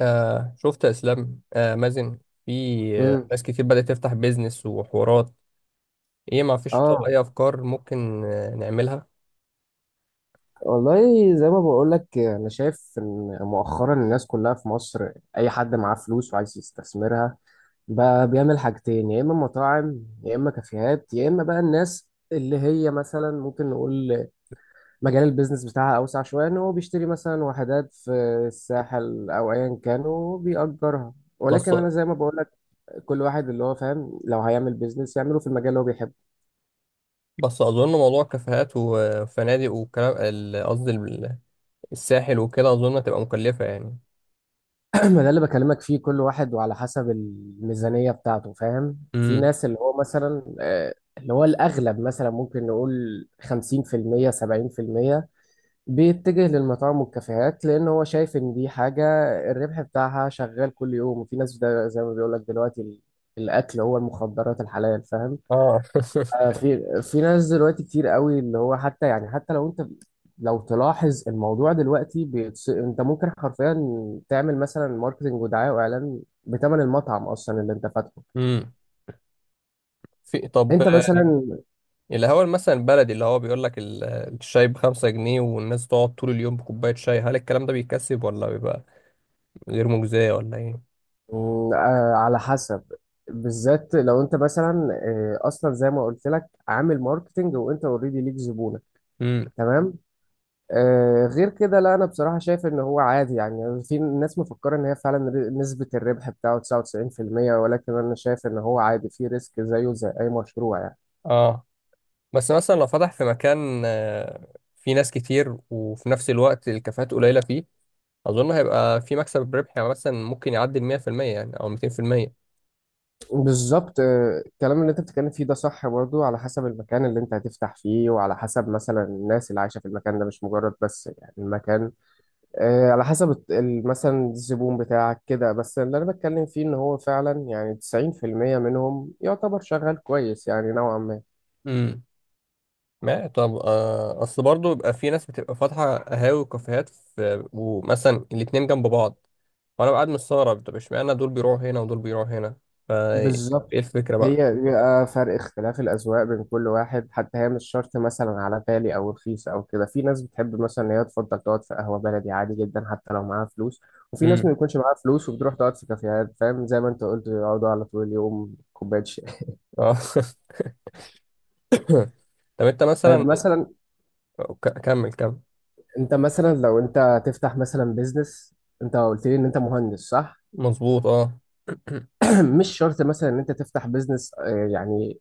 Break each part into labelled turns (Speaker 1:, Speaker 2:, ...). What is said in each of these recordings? Speaker 1: شفت يا اسلام، مازن. في آه
Speaker 2: امم
Speaker 1: ناس كتير بدأت تفتح بيزنس وحوارات. ايه، ما فيش
Speaker 2: اه،
Speaker 1: اي افكار ممكن نعملها؟
Speaker 2: والله زي ما بقول لك، انا شايف ان مؤخرا الناس كلها في مصر، اي حد معاه فلوس وعايز يستثمرها بقى بيعمل حاجتين: يا اما مطاعم يا اما كافيهات، يا اما بقى الناس اللي هي مثلا ممكن نقول مجال البيزنس بتاعها اوسع شويه، ان هو بيشتري مثلا وحدات في الساحل او ايا كان وبيأجرها. ولكن
Speaker 1: بس
Speaker 2: انا زي ما بقول لك، كل واحد اللي هو فاهم، لو هيعمل بيزنس يعمله في المجال اللي هو بيحبه.
Speaker 1: بس اظن موضوع كافيهات وفنادق والكلام قصدي الساحل وكده اظن هتبقى مكلفة يعني.
Speaker 2: ما ده اللي بكلمك فيه، كل واحد وعلى حسب الميزانية بتاعته، فاهم. في
Speaker 1: امم.
Speaker 2: ناس اللي هو مثلا اللي هو الأغلب، مثلا ممكن نقول 50% 70% بيتجه للمطاعم والكافيهات، لأن هو شايف إن دي حاجة الربح بتاعها شغال كل يوم. وفي ناس، ده زي ما بيقولك، دلوقتي الأكل هو المخدرات الحلال، فاهم.
Speaker 1: اه.
Speaker 2: في ناس دلوقتي كتير قوي اللي هو حتى، يعني حتى لو انت، لو تلاحظ الموضوع دلوقتي انت ممكن حرفيا تعمل مثلا ماركتنج ودعايه واعلان بثمن المطعم اصلا اللي انت فاتحه.
Speaker 1: امم. طب،
Speaker 2: انت مثلا،
Speaker 1: الهوا مثلا البلدي اللي هو بيقول لك الشاي ب5 جنيه، والناس تقعد طول اليوم بكوباية شاي. هل الكلام ده بيكسب، ولا بيبقى غير مجزية ولا ايه؟
Speaker 2: على حسب. بالذات لو انت مثلا اصلا زي ما قلت لك، عامل ماركتنج وانت اوريدي ليك زبونه،
Speaker 1: امم.
Speaker 2: تمام. غير كده لا، انا بصراحه شايف ان هو عادي. يعني في ناس مفكره ان هي فعلا نسبه الربح بتاعه 99%، ولكن انا شايف ان هو عادي، في ريسك زيه زي اي مشروع يعني.
Speaker 1: اه. بس مثلا لو فتح في مكان، فيه ناس كتير وفي نفس الوقت الكافيهات قليلة فيه، أظن هيبقى في مكسب ربحي. يعني مثلا ممكن يعدي 100%، يعني أو 200%.
Speaker 2: بالظبط، الكلام اللي انت بتتكلم فيه ده صح برضو، على حسب المكان اللي انت هتفتح فيه، وعلى حسب مثلا الناس اللي عايشه في المكان ده، مش مجرد بس يعني المكان. على حسب مثلا الزبون بتاعك كده بس. اللي انا بتكلم فيه ان هو فعلا يعني 90% منهم يعتبر شغال كويس، يعني نوعا ما.
Speaker 1: امم. ما طب، أصل برضه بيبقى في ناس بتبقى فاتحة قهاوي وكافيهات، في ومثلا الاتنين جنب بعض، وأنا قاعد مستغرب. طب اشمعنى دول بيروحوا هنا ودول بيروحوا هنا؟ فا إيه
Speaker 2: بالظبط،
Speaker 1: الفكرة بقى؟
Speaker 2: هي بيبقى فرق اختلاف الأذواق بين كل واحد، حتى هي مش شرط مثلا على غالي أو رخيص أو كده. في ناس بتحب مثلا إن هي تفضل تقعد في قهوة بلدي عادي جدا حتى لو معاها فلوس، وفي ناس
Speaker 1: امم.
Speaker 2: ما بيكونش معاها فلوس وبتروح تقعد في كافيهات، فاهم، زي ما أنت قلت يقعدوا على طول اليوم كوباية شاي.
Speaker 1: اه. طب أنت مثلا،
Speaker 2: طيب مثلا،
Speaker 1: كمل كمل.
Speaker 2: أنت مثلا لو أنت تفتح مثلا بيزنس، أنت قلت لي إن أنت مهندس، صح؟
Speaker 1: مظبوط، أه.
Speaker 2: مش شرط مثلا إن أنت تفتح بيزنس يعني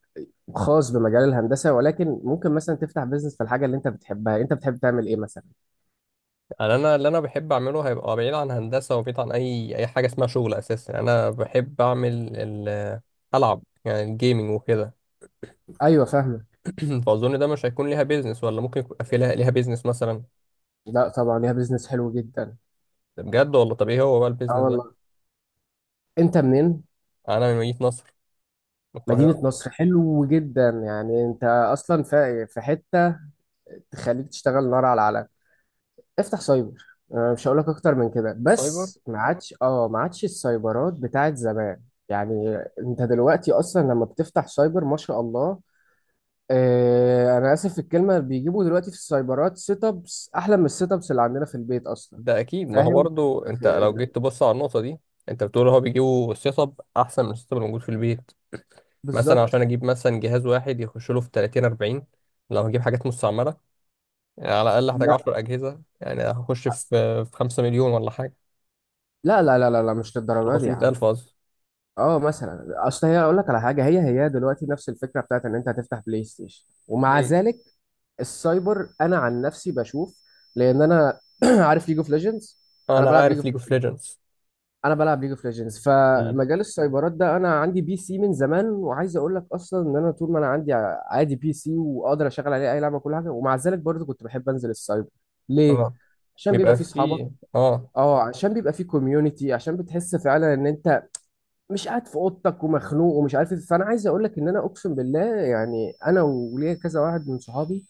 Speaker 2: خاص بمجال الهندسة، ولكن ممكن مثلا تفتح بيزنس في الحاجة اللي أنت بتحبها. أنت بتحب تعمل إيه مثلا؟
Speaker 1: أنا اللي انا بحب اعمله هيبقى بعيد عن هندسه، وبعيد عن اي حاجه اسمها شغل اساسا. يعني انا بحب اعمل العب، يعني الجيمنج وكده.
Speaker 2: ايوه، فاهمه.
Speaker 1: فاظن ده مش هيكون ليها بيزنس، ولا ممكن يبقى في لها ليها بيزنس مثلا؟
Speaker 2: لا طبعا ليها بيزنس حلو جدا.
Speaker 1: ده بجد، ولا طب ايه هو بقى
Speaker 2: اه
Speaker 1: البيزنس ده؟
Speaker 2: والله، انت منين؟
Speaker 1: انا من مدينه نصر، من
Speaker 2: مدينة
Speaker 1: القاهره.
Speaker 2: نصر، حلو جدا. يعني انت اصلا في حتة تخليك تشتغل نار على العالم. افتح سايبر. مش هقولك اكتر من كده،
Speaker 1: سايبر؟
Speaker 2: بس ما عادش، ما عادش السايبرات بتاعت زمان. يعني انت دلوقتي اصلا لما بتفتح سايبر ما شاء الله، اه انا اسف في الكلمة، بيجيبوا دلوقتي في السايبرات سيت ابس احلى من السيت ابس اللي عندنا في البيت اصلا،
Speaker 1: ده اكيد. ما هو
Speaker 2: فاهم.
Speaker 1: برضو انت
Speaker 2: في-
Speaker 1: لو جيت تبص على النقطه دي، انت بتقول هو بيجيبوا سيت اب احسن من السيت اب الموجود في البيت. مثلا
Speaker 2: بالظبط.
Speaker 1: عشان اجيب مثلا جهاز واحد يخش له في 30 40، لو هجيب حاجات مستعمله، يعني على الأقل هحتاج
Speaker 2: لا
Speaker 1: 10 أجهزة، يعني هخش في 5 مليون ولا حاجة.
Speaker 2: لا لا لا لا لا، مش للدرجه دي يا
Speaker 1: 500
Speaker 2: عم.
Speaker 1: ألف قصدي.
Speaker 2: اه مثلا، اصل هي اقول لك على حاجه، هي هي دلوقتي نفس الفكره بتاعت ان انت هتفتح بلاي ستيشن، ومع
Speaker 1: مم.
Speaker 2: ذلك السايبر انا عن نفسي بشوف، لان انا عارف ليج اوف ليجندز، انا
Speaker 1: أنا
Speaker 2: بلعب ليج
Speaker 1: عارف
Speaker 2: اوف
Speaker 1: ليج اوف
Speaker 2: ليجندز.
Speaker 1: ليجندز. مم.
Speaker 2: فمجال السايبرات ده، انا عندي PC من زمان، وعايز اقول لك اصلا ان انا طول ما انا عندي عادي بي سي واقدر اشغل عليه اي لعبه، كل حاجه، ومع ذلك برضه كنت بحب انزل السايبر. ليه؟
Speaker 1: اه،
Speaker 2: عشان بيبقى
Speaker 1: بيبقى
Speaker 2: فيه صحابك.
Speaker 1: فيه، اه.
Speaker 2: اه، عشان بيبقى فيه كوميونتي، عشان بتحس فعلا ان انت مش قاعد في اوضتك ومخنوق ومش عارف ايه. فانا عايز اقول لك ان انا اقسم بالله يعني، انا وليا كذا واحد من صحابي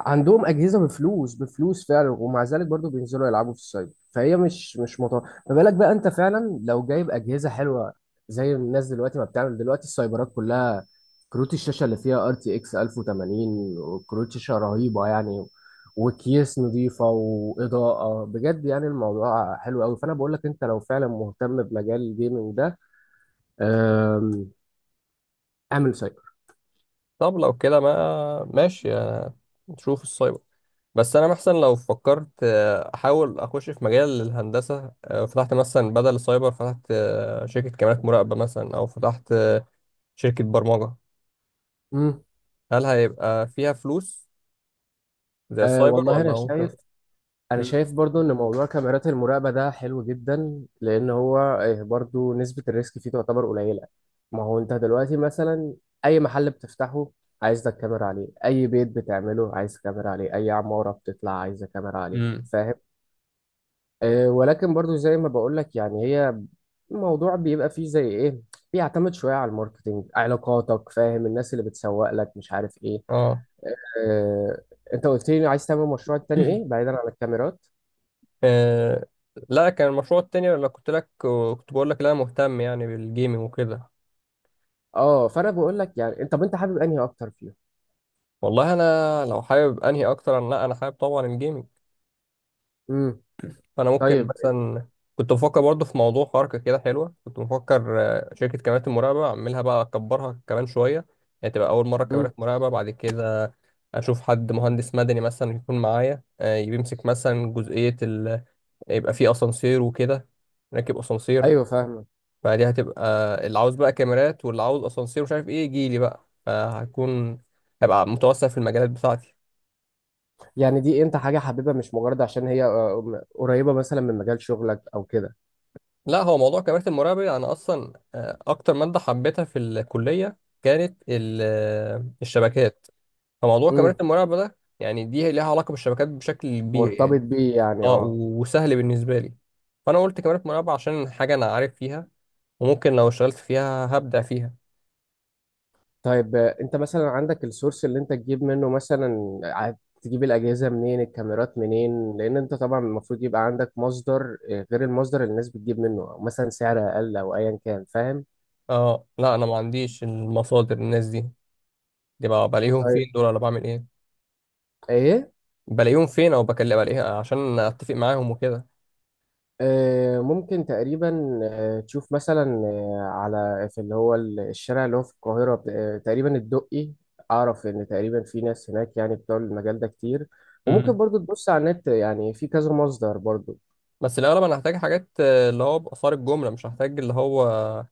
Speaker 2: عندهم اجهزه بفلوس، بفلوس فعلا، ومع ذلك برضو بينزلوا يلعبوا في السايبر. فهي مش مطور. ما بالك بقى انت فعلا لو جايب اجهزه حلوه زي الناس دلوقتي ما بتعمل. دلوقتي السايبرات كلها كروت الشاشه اللي فيها RTX 1080 وكروت شاشه رهيبه يعني، وكيس نظيفه واضاءه بجد، يعني الموضوع حلو قوي. فانا بقول لك، انت لو فعلا مهتم بمجال الجيمنج ده، أم، اعمل سايبر.
Speaker 1: طب لو كده، ما ماشي، نشوف السايبر. بس انا مثلا لو فكرت احاول اخش في مجال الهندسه، فتحت مثلا بدل السايبر، فتحت شركه كاميرات مراقبه مثلا، او فتحت شركه برمجه،
Speaker 2: امم
Speaker 1: هل هيبقى فيها فلوس زي
Speaker 2: أه
Speaker 1: السايبر
Speaker 2: والله
Speaker 1: ولا ممكن؟
Speaker 2: انا
Speaker 1: مم.
Speaker 2: شايف برضو ان موضوع كاميرات المراقبه ده حلو جدا، لان هو برضو نسبه الريسك فيه تعتبر قليله. ما هو انت دلوقتي مثلا، اي محل بتفتحه عايز لك كاميرا عليه، اي بيت بتعمله عايز كاميرا عليه، اي عماره بتطلع عايزه كاميرا عليه،
Speaker 1: مم.
Speaker 2: فاهم. ولكن برضو زي ما بقول لك، يعني هي الموضوع بيبقى فيه زي ايه، بيعتمد شويه على الماركتينج، علاقاتك، فاهم، الناس اللي بتسوق لك، مش عارف ايه.
Speaker 1: اه.
Speaker 2: آه، انت قلت لي عايز تعمل مشروع تاني ايه بعيدا عن الكاميرات؟
Speaker 1: آه. لا، كان المشروع التاني اللي كنت بقول لك، لا، مهتم يعني بالجيمنج وكده.
Speaker 2: اه، فانا بقول لك يعني انت، طب انت حابب انهي اكتر فيهم؟
Speaker 1: والله، انا لو حابب انهي اكتر، انا، لا، حابب طبعا الجيمنج.
Speaker 2: امم
Speaker 1: فانا ممكن
Speaker 2: طيب.
Speaker 1: مثلا كنت بفكر برضه في موضوع حركه كده حلوه، كنت بفكر شركه كاميرات المراقبه اعملها بقى، اكبرها كمان شويه، يعني تبقى اول مره
Speaker 2: امم
Speaker 1: كاميرات مراقبه، بعد كده اشوف حد مهندس مدني مثلا يكون معايا، يمسك مثلا جزئيه يبقى فيه اسانسير وكده، نركب اسانسير.
Speaker 2: ايوه، فاهمك.
Speaker 1: فدي هتبقى اللي عاوز بقى كاميرات، واللي عاوز اسانسير مش عارف ايه، يجي لي بقى. هبقى متوسع في المجالات بتاعتي.
Speaker 2: يعني دي انت حاجه حاببها، مش مجرد عشان هي قريبه مثلا من مجال شغلك او كده.
Speaker 1: لا، هو موضوع كاميرات المراقبة دي انا اصلا، اكتر مادة حبيتها في الكلية كانت الشبكات. فموضوع
Speaker 2: امم
Speaker 1: كاميرات المراقبة ده يعني دي ليها علاقة بالشبكات بشكل كبير يعني.
Speaker 2: مرتبط بيه يعني،
Speaker 1: اه،
Speaker 2: اه.
Speaker 1: وسهل بالنسبة لي. فانا قلت كاميرات مراقبة عشان حاجة انا عارف فيها، وممكن لو اشتغلت فيها هبدع فيها.
Speaker 2: طيب، انت مثلا عندك السورس اللي انت تجيب منه مثلا، عاد تجيب الاجهزه منين، الكاميرات منين؟ لان انت طبعا المفروض يبقى عندك مصدر غير المصدر اللي الناس بتجيب منه، او مثلا سعر اقل او ايا كان، فاهم.
Speaker 1: اه لا، انا ما عنديش المصادر. الناس دي دي بقى بلاقيهم فين دول، ولا بعمل ايه؟
Speaker 2: ايه،
Speaker 1: بلاقيهم فين، او بكلم بلاقيها عشان اتفق معاهم وكده.
Speaker 2: ممكن تقريبا تشوف مثلا على، في اللي هو الشارع اللي هو في القاهرة، تقريبا الدقي. أعرف إن تقريبا في ناس هناك يعني بتوع المجال ده كتير، وممكن
Speaker 1: امم.
Speaker 2: برضو تبص على النت، يعني في كذا مصدر برضو.
Speaker 1: بس الاغلب انا هحتاج حاجات، اللي هو باثار الجمله، مش هحتاج اللي هو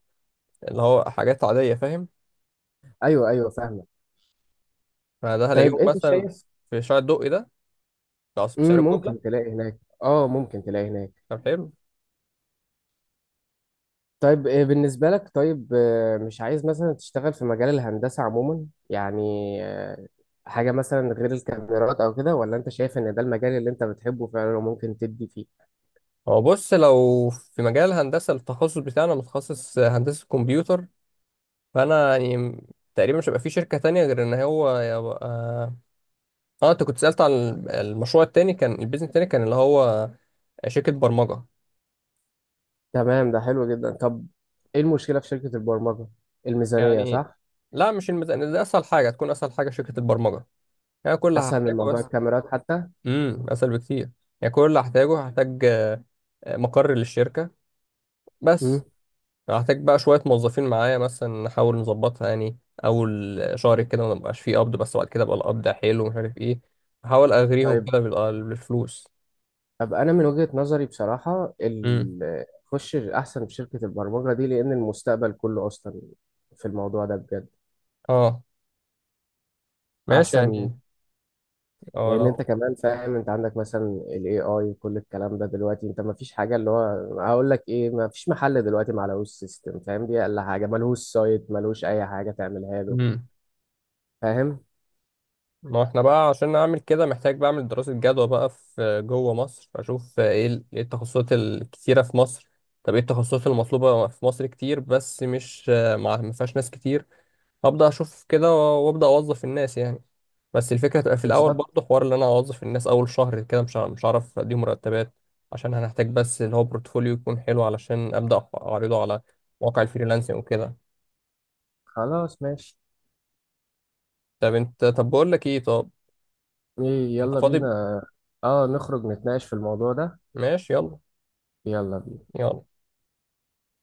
Speaker 1: حاجات عاديه، فاهم؟
Speaker 2: أيوه أيوه، فاهمة.
Speaker 1: فده هلاقيهم
Speaker 2: طيب أنت
Speaker 1: مثلا
Speaker 2: شايف،
Speaker 1: في شارع الدقي ده، خلاص، بسعر الجمله.
Speaker 2: ممكن تلاقي هناك، أه ممكن تلاقي هناك.
Speaker 1: طب حلو.
Speaker 2: طيب بالنسبة لك، طيب مش عايز مثلا تشتغل في مجال الهندسة عموما يعني، آه، حاجة مثلا غير الكاميرات أو كده، ولا أنت شايف إن ده المجال اللي أنت بتحبه فعلا وممكن تدي فيه؟
Speaker 1: هو بص، لو في مجال هندسه، التخصص بتاعنا متخصص هندسه كمبيوتر. فانا يعني، تقريبا مش هيبقى في شركه تانية غير ان هو يبقى. اه، انت كنت سالت عن المشروع التاني، كان البيزنس التاني كان اللي هو شركه برمجه.
Speaker 2: تمام، ده حلو جدا. طب إيه المشكلة في شركة البرمجة؟ الميزانية،
Speaker 1: يعني،
Speaker 2: صح؟
Speaker 1: لا، مش الميزانية. دي اسهل حاجة، تكون اسهل حاجة شركة البرمجة. يعني كل اللي
Speaker 2: أسهل من
Speaker 1: هحتاجه
Speaker 2: موضوع
Speaker 1: بس.
Speaker 2: الكاميرات حتى.
Speaker 1: امم، اسهل بكتير. يعني كل اللي هحتاجه، هحتاج مقر للشركة
Speaker 2: مم.
Speaker 1: بس. هحتاج بقى شوية موظفين معايا مثلا، نحاول نظبطها يعني. أول شهر كده ما نبقاش فيه قبض، بس بعد كده بقى القبض حلو ومش عارف ايه. أحاول أغريهم
Speaker 2: طيب،
Speaker 1: كده بالفلوس.
Speaker 2: طب أنا من وجهة نظري بصراحة،
Speaker 1: امم.
Speaker 2: خش أحسن في شركة البرمجة دي، لأن المستقبل كله أصلا في الموضوع ده بجد،
Speaker 1: اه، ماشي
Speaker 2: أحسن.
Speaker 1: يعني. اه
Speaker 2: لان
Speaker 1: لو.
Speaker 2: انت كمان فاهم، انت عندك مثلا الـ AI وكل الكلام ده دلوقتي، انت ما فيش حاجه اللي هو، هقول لك ايه، ما فيش محل دلوقتي ما عليهوش سيستم، فاهم، دي اقل حاجه، ملهوش سايت، ملهوش اي حاجه تعملها له،
Speaker 1: مم.
Speaker 2: فاهم.
Speaker 1: ما احنا بقى عشان نعمل كده محتاج بعمل دراسة جدوى بقى في جوه مصر، اشوف ايه إيه التخصصات الكتيرة في مصر، طب ايه التخصصات المطلوبة في مصر كتير بس مش ما فيهاش ناس كتير، ابدا اشوف كده وابدا اوظف الناس يعني. بس الفكرة تبقى في الاول
Speaker 2: بالظبط.
Speaker 1: برضه حوار ان انا اوظف الناس اول شهر كده، مش هعرف اديهم مرتبات. عشان هنحتاج بس اللي هو بورتفوليو يكون حلو، علشان ابدا اعرضه على مواقع الفريلانسنج وكده.
Speaker 2: خلاص، ماشي.
Speaker 1: طب انت، طب بقول لك ايه، طب
Speaker 2: ايه،
Speaker 1: انت
Speaker 2: يلا بينا.
Speaker 1: فاضي؟
Speaker 2: اه، نخرج نتناقش في الموضوع ده.
Speaker 1: ماشي، يلا.
Speaker 2: يلا بينا.
Speaker 1: يلا.